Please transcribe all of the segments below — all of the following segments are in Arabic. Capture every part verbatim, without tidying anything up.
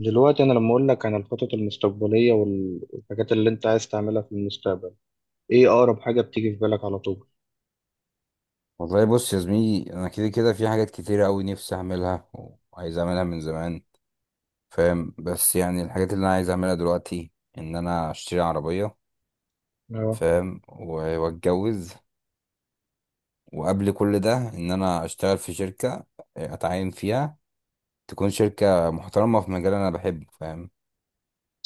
دلوقتي انا لما اقول لك عن الخطط المستقبليه وال- والحاجات اللي انت عايز تعملها في المستقبل، ايه اقرب حاجه بتيجي في بالك على طول؟ والله بص يا زميلي، انا كده كده في حاجات كتيرة قوي نفسي اعملها، وعايز اعملها من زمان. فاهم؟ بس يعني الحاجات اللي انا عايز اعملها دلوقتي ان انا اشتري عربية. اه. فاهم؟ و- واتجوز. وقبل كل ده ان انا اشتغل في شركة، آه، اتعين فيها، تكون شركة محترمة في مجال انا بحبه. فاهم؟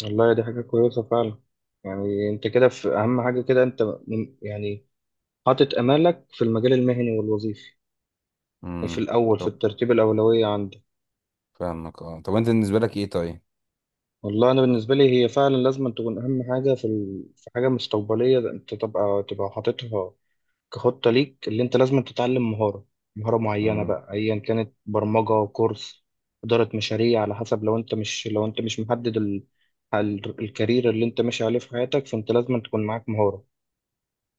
والله دي حاجه كويسه فعلا. يعني انت كده في اهم حاجه، كده انت م- يعني حاطط امالك في المجال المهني والوظيفي في امم. الاول، في طب. الترتيب الاولويه عندك. فاهمك، اه، طب انت بالنسبة لك ايه طيب؟ والله انا بالنسبه لي هي فعلا لازم تكون اهم حاجه في ال... في حاجه مستقبليه انت تبقى تبقى حاططها كخطة ليك. اللي انت لازم تتعلم مهارة مهارة معينة امم. بقى، ايا كانت برمجة، كورس، إدارة مشاريع، على حسب. لو انت مش لو انت مش محدد ال... ال- الكارير اللي انت ماشي عليه في حياتك، فانت لازم تكون معاك مهارة.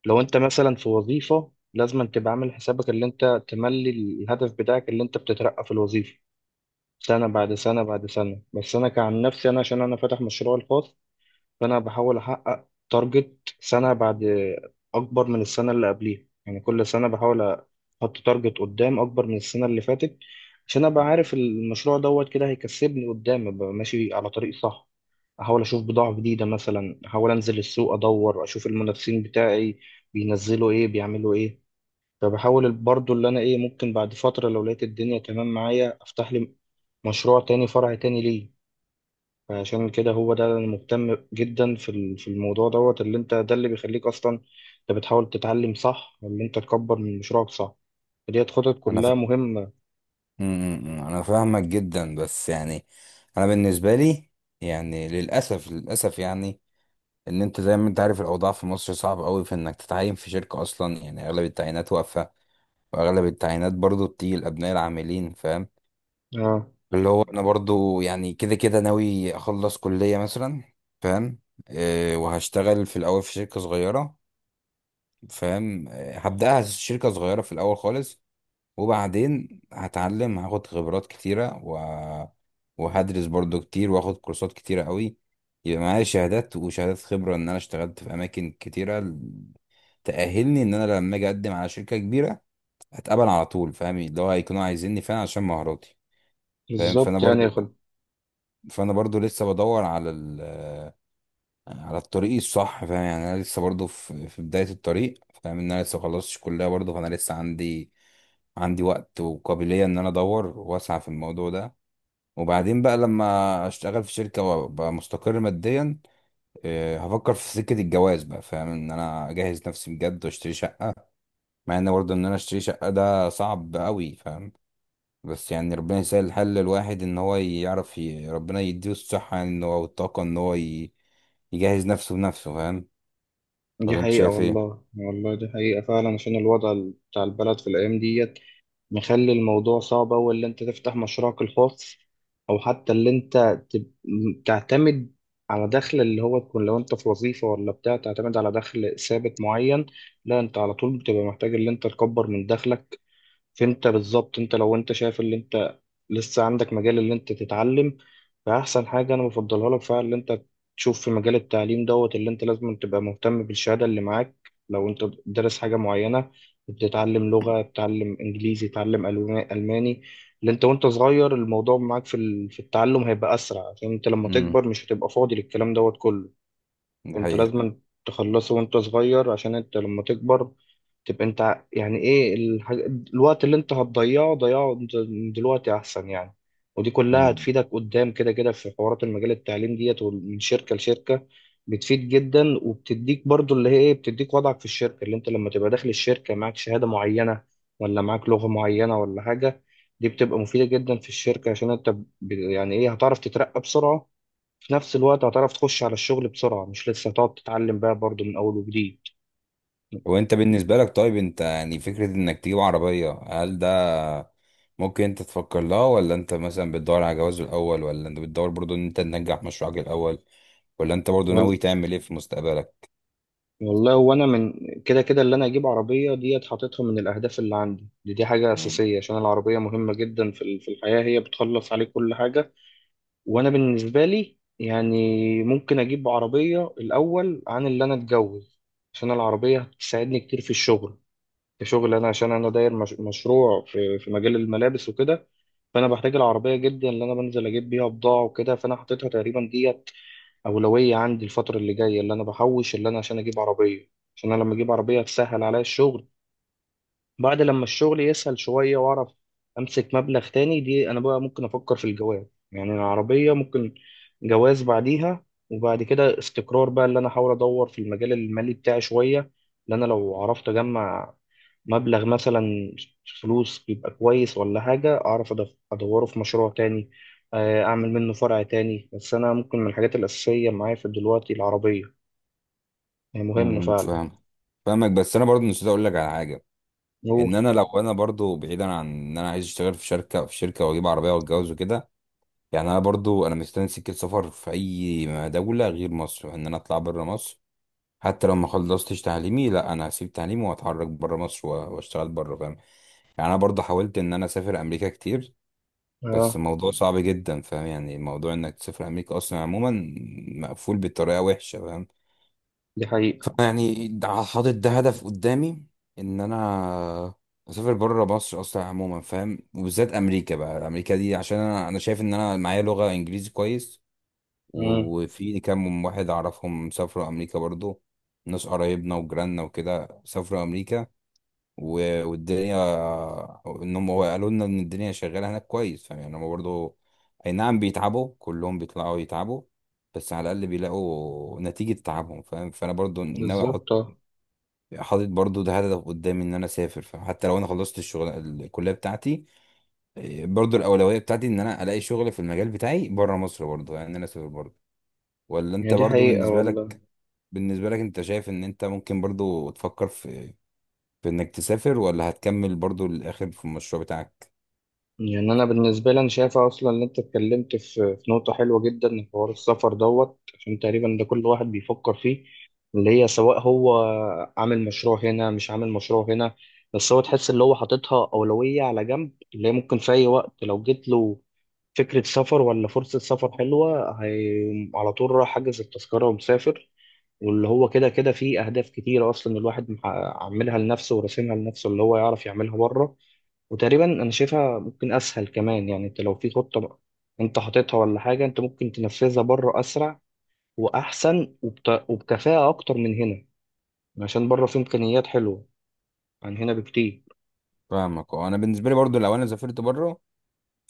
لو انت مثلا في وظيفة لازم تبقى عامل حسابك، اللي انت تملي الهدف بتاعك اللي انت بتترقى في الوظيفة سنة بعد سنة بعد سنة. بس انا كعن نفسي، انا عشان انا فاتح مشروع الخاص، فانا بحاول احقق تارجت سنه بعد اكبر من السنه اللي قبليها. يعني كل سنه بحاول احط تارجت قدام اكبر من السنه اللي فاتت، عشان ابقى عارف المشروع دوت كده هيكسبني قدام، ابقى ماشي على طريق صح. احاول اشوف بضاعه جديده، مثلا احاول انزل السوق ادور اشوف المنافسين بتاعي بينزلوا ايه، بيعملوا ايه. فبحاول برضو اللي انا ايه، ممكن بعد فتره لو لقيت الدنيا تمام معايا افتح لي مشروع تاني، فرع تاني، ليه؟ عشان كده. هو ده اللي أنا مهتم جدا في ال- في الموضوع دوت. اللي انت ده اللي بيخليك اصلا انت بتحاول تتعلم صح، اللي انت تكبر من مشروعك صح. ديت خطط انا ف... كلها مهمة. امم انا فاهمك جدا، بس يعني انا بالنسبة لي، يعني للأسف للأسف، يعني ان انت زي ما انت عارف الاوضاع في مصر صعب قوي في انك تتعين في شركه اصلا. يعني اغلب التعيينات واقفه، واغلب التعيينات برضو بتيجي لابناء العاملين. فاهم؟ اه، اللي هو انا برضو يعني كده كده ناوي اخلص كليه مثلا. فاهم؟ أه، وهشتغل في الاول في شركه صغيره. فاهم؟ أه، هبداها شركه صغيره في الاول خالص، وبعدين هتعلم هاخد خبرات كتيره و... وهدرس برضو كتير، واخد كورسات كتيره قوي، يبقى معايا شهادات وشهادات خبرة إن أنا اشتغلت في أماكن كتيرة تأهلني ان انا لما اجي اقدم على شركة كبيرة هتقبل على طول. فاهم؟ اللي هو هيكونوا عايزيني فعلا عشان مهاراتي. فاهم؟ فانا بالظبط. يعني برضو يا خل- فانا برضو لسه بدور على ال على الطريق الصح. فاهم؟ يعني انا لسه برضو في في بداية الطريق. فاهم؟ ان انا لسه مخلصتش كلية برضو، فانا لسه عندي عندي وقت وقابلية ان انا ادور واسعى في الموضوع ده. وبعدين بقى لما اشتغل في شركة وابقى مستقر ماديا، آه، هفكر في سكة الجواز بقى. فاهم؟ ان انا اجهز نفسي بجد واشتري شقة، مع ان برضه ان انا اشتري شقة ده صعب قوي. فاهم؟ بس يعني ربنا يسهل الحل، الواحد ان هو يعرف ي... ربنا يديه الصحة يعني، ان هو والطاقة ان هو ي... يجهز نفسه بنفسه. فاهم؟ دي ولا انت حقيقة، شايف ايه؟ والله والله دي حقيقة فعلا. عشان الوضع ال- بتاع البلد في الأيام ديت مخلي الموضوع صعب أوي، اللي أنت تفتح مشروعك الخاص أو حتى اللي أنت تب- م- تعتمد على دخل. اللي هو تكون لو أنت في وظيفة ولا بتاع تعتمد على دخل ثابت معين، لا، أنت على طول بتبقى محتاج اللي أنت تكبر من دخلك. فانت بالظبط، انت لو انت شايف اللي انت لسه عندك مجال اللي انت تتعلم، فاحسن حاجه انا بفضلها لك فعلا اللي انت تشوف في مجال التعليم دوت. اللي انت لازم تبقى مهتم بالشهاده اللي معاك، لو انت دارس حاجه معينه، بتتعلم لغه، بتتعلم انجليزي، تتعلم ألو- الماني. اللي انت وانت صغير الموضوع معاك في ال- في التعلم هيبقى اسرع، عشان انت لما امم. تكبر مش هتبقى فاضي للكلام دوت كله. دي انت حقيقة. لازم تخلصه وانت صغير، عشان انت لما تكبر تبقى انت ع- يعني ايه الحاج... الوقت اللي انت هتضيعه ضيعه د- من دلوقتي احسن. يعني ودي كلها امم. هتفيدك قدام، كده كده في حوارات المجال التعليم ديت، ومن شركة لشركة بتفيد جدا. وبتديك برضو اللي هي ايه، بتديك وضعك في الشركة، اللي انت لما تبقى داخل الشركة معاك شهادة معينة ولا معاك لغة معينة ولا حاجة، دي بتبقى مفيدة جدا في الشركة، عشان انت ب... يعني ايه، هتعرف تترقى بسرعة، في نفس الوقت هتعرف تخش على الشغل بسرعة، مش لسه هتقعد تتعلم بقى برضو من أول وجديد. وانت بالنسبة لك طيب، انت يعني فكرة انك تجيب عربية، هل ده ممكن انت تفكر لها، ولا انت مثلا بتدور على جواز الاول، ولا انت بتدور برضو ان انت تنجح مشروعك الاول، ولا انت برضو ناوي وال- تعمل ايه في مستقبلك؟ والله، وأنا من كده كده اللي أنا أجيب عربية ديت، حاططها من الأهداف اللي عندي دي. دي حاجة أساسية عشان العربية مهمة جدا في ال- في الحياة، هي بتخلص عليك كل حاجة. وأنا بالنسبة لي يعني ممكن أجيب عربية الأول عن اللي أنا أتجوز، عشان العربية هتساعدني كتير في الشغل. كشغل أنا، عشان أنا داير مش- مشروع في في مجال الملابس وكده، فانا بحتاج العربيه جدا، اللي انا بنزل اجيب بيها بضاعه وكده. فانا حطيتها تقريبا ديت اولويه عندي الفتره اللي جايه، اللي انا بحوش اللي انا عشان اجيب عربيه، عشان انا لما اجيب عربيه هتسهل عليا الشغل. بعد لما الشغل يسهل شوية وأعرف أمسك مبلغ تاني، دي أنا بقى ممكن أفكر في الجواز. يعني العربية، ممكن جواز بعديها. وبعد كده استقرار بقى، اللي أنا أحاول أدور في المجال المالي بتاعي شوية، اللي أنا لو عرفت أجمع مبلغ مثلا فلوس يبقى كويس ولا حاجة، أعرف أدف- أدوره في مشروع تاني. آه، أعمل منه فرع تاني. بس أنا ممكن من الحاجات الأساسية معايا في دلوقتي العربية، هي امم، مهمة امم، فعلا. فاهم. فاهمك، بس انا برضو نسيت اقول لك على حاجه. أوه. ان انا لو انا برضو بعيدا عن ان انا عايز اشتغل في شركه في شركه واجيب عربيه واتجوز وكده، يعني انا برضو انا مستني سكه سفر في اي دوله غير مصر، ان انا اطلع بره مصر. حتى لو ما خلصتش تعليمي لا، انا هسيب تعليمي واتحرك بره مصر و- واشتغل بره. فاهم؟ يعني انا برضو حاولت ان انا اسافر امريكا كتير، بس أه. الموضوع صعب جدا. فاهم؟ يعني موضوع انك تسافر امريكا اصلا عموما مقفول بطريقه وحشه. فاهم؟ دي حقيقة. فيعني ده- حاطط ده هدف قدامي ان انا اسافر بره مصر اصلا عموما. فاهم؟ وبالذات امريكا بقى، امريكا دي عشان انا انا شايف ان انا معايا لغه انجليزي كويس، مم. و- وفي كام واحد اعرفهم سافروا امريكا برضو، ناس قرايبنا وجيراننا وكده سافروا امريكا، و- والدنيا، انهم هو قالوا لنا ان الدنيا شغاله هناك كويس. فاهم؟ يعني هم برضو اي نعم بيتعبوا، كلهم بيطلعوا يتعبوا، بس على الاقل بيلاقوا نتيجه تعبهم. فاهم؟ فانا برضو ناوي احط بالظبط. آه. حاطط برضو ده هدف قدامي ان انا اسافر، فحتى لو انا خلصت الشغل الكليه بتاعتي، إيه، برضو الاولويه بتاعتي ان انا الاقي شغل في المجال بتاعي بره مصر برضو، يعني ان انا اسافر برضو. ولا هي انت دي برضو حقيقة بالنسبه والله. لك بالنسبه لك انت شايف ان انت ممكن برضو تفكر في, في انك تسافر، ولا هتكمل برضو للاخر في المشروع بتاعك؟ يعني أنا بالنسبة لي أنا شايفة أصلا إن أنت اتكلمت في في نقطة حلوة جدا، حوار السفر دوت، عشان تقريبا ده كل واحد بيفكر فيه. اللي هي سواء هو عامل مشروع هنا مش عامل مشروع هنا، بس هو تحس اللي هو حاططها أولوية على جنب، اللي هي ممكن في أي وقت لو جت له فكرة سفر ولا فرصة سفر حلوة، هي على طول راح حاجز التذكرة ومسافر. واللي هو كده كده فيه أهداف كتيرة أصلا الواحد محقق- عاملها لنفسه وراسمها لنفسه، اللي هو يعرف يعملها بره. وتقريبا انا شايفها ممكن اسهل كمان. يعني انت لو في خطة بقى انت حاططها ولا حاجة، انت ممكن تنفذها بره اسرع واحسن وبت... وبكفاءة اكتر من هنا، عشان بره في امكانيات حلوة عن هنا بكتير. فاهمك، اه، انا بالنسبه لي برضو لو انا سافرت بره،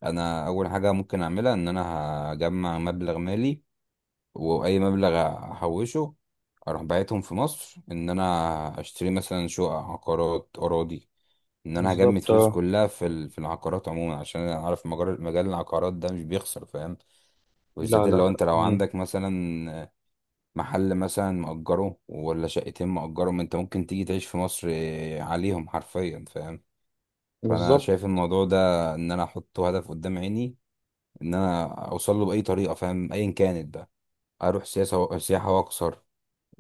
انا اول حاجه ممكن اعملها ان انا هجمع مبلغ مالي، واي مبلغ احوشه اروح باعتهم في مصر، ان انا اشتري مثلا شقق عقارات اراضي، ان انا هجمد بالظبط. فلوس آه. كلها في ال- في العقارات عموما، عشان انا عارف مجال مجال العقارات ده مش بيخسر. فاهم؟ لا، وبالذات لا، اللي هو لا. انت لو مم. عندك مثلا محل مثلا مأجره، ولا شقتين مأجرهم، انت ممكن تيجي تعيش في مصر عليهم حرفيا. فاهم؟ فانا بالظبط. شايف الموضوع ده، ان انا احط هدف قدام عيني ان انا اوصل له باي طريقه. فاهم؟ ايا كانت بقى، اروح سياسه سياحه واكسر،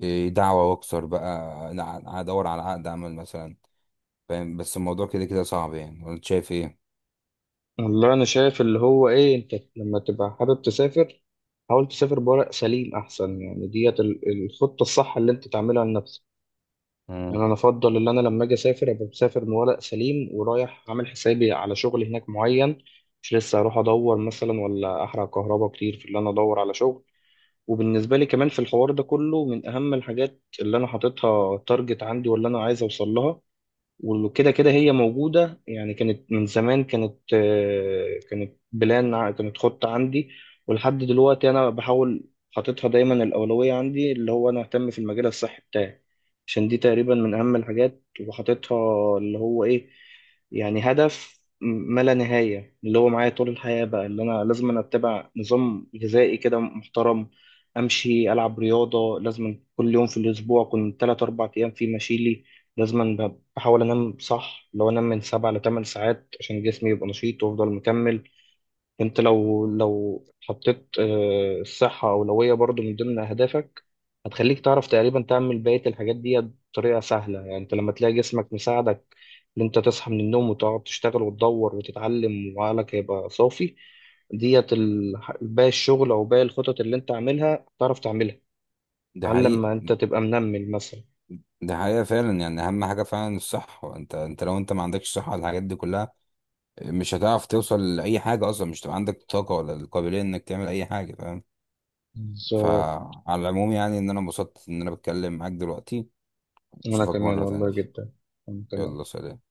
إيه دعوة، واكسر بقى، أنا هدور على عقد عمل مثلا. فاهم؟ بس الموضوع كده كده صعب، يعني وانت شايف ايه؟ والله انا شايف اللي هو ايه، انت لما تبقى حابب تسافر، حاول تسافر بورق سليم احسن. يعني ديت ال- الخطة الصح اللي انت تعملها لنفسك. مم. يعني انا افضل ان انا لما اجي اسافر ابقى مسافر بورق سليم، ورايح عامل حسابي على شغل هناك معين، مش لسه اروح ادور مثلا ولا احرق كهرباء كتير في اللي انا ادور على شغل. وبالنسبه لي كمان في الحوار ده كله، من اهم الحاجات اللي انا حاططها تارجت عندي واللي انا عايز اوصل لها، وكده كده هي موجودة يعني، كانت من زمان، كانت آه، كانت بلان ع- كانت خطة عندي، ولحد دلوقتي أنا بحاول حاططها دايما الأولوية عندي، اللي هو أنا أهتم في المجال الصحي بتاعي، عشان دي تقريبا من أهم الحاجات. وحاططها اللي هو إيه، يعني هدف م- ما لا نهاية اللي هو معايا طول الحياة بقى. اللي أنا لازم أنا أتبع نظام غذائي كده محترم، أمشي، ألعب رياضة لازم كل يوم في الأسبوع، كنت تلات أربع أيام في مشيلي لازم. بحاول انام صح، لو انام من سبع لثمان ساعات عشان جسمي يبقى نشيط وافضل مكمل. انت لو لو حطيت آه، الصحة أولوية برضو من ضمن أهدافك، هتخليك تعرف تقريبا تعمل بقية الحاجات دي بطريقة سهلة. يعني انت لما تلاقي جسمك مساعدك ان انت تصحى من النوم وتقعد تشتغل وتدور وتتعلم وعقلك هيبقى صافي، ديت ال- باقي الشغل او باقي الخطط اللي انت عاملها تعرف تعملها، ده على حقيقة. لما انت تبقى منمل مثلا. ده حقيقة فعلا، يعني أهم حاجة فعلا الصحة. أنت أنت لو أنت ما عندكش صحة على الحاجات دي كلها مش هتعرف توصل لأي حاجة أصلا، مش هتبقى عندك طاقة ولا القابلية إنك تعمل أي حاجة. فاهم؟ بالظبط. فعلى العموم، يعني إن أنا انبسطت إن أنا بتكلم معاك دلوقتي. انا أشوفك كمان مرة والله تانية. جدا. انا كمان. يلا سلام.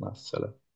مع السلامة.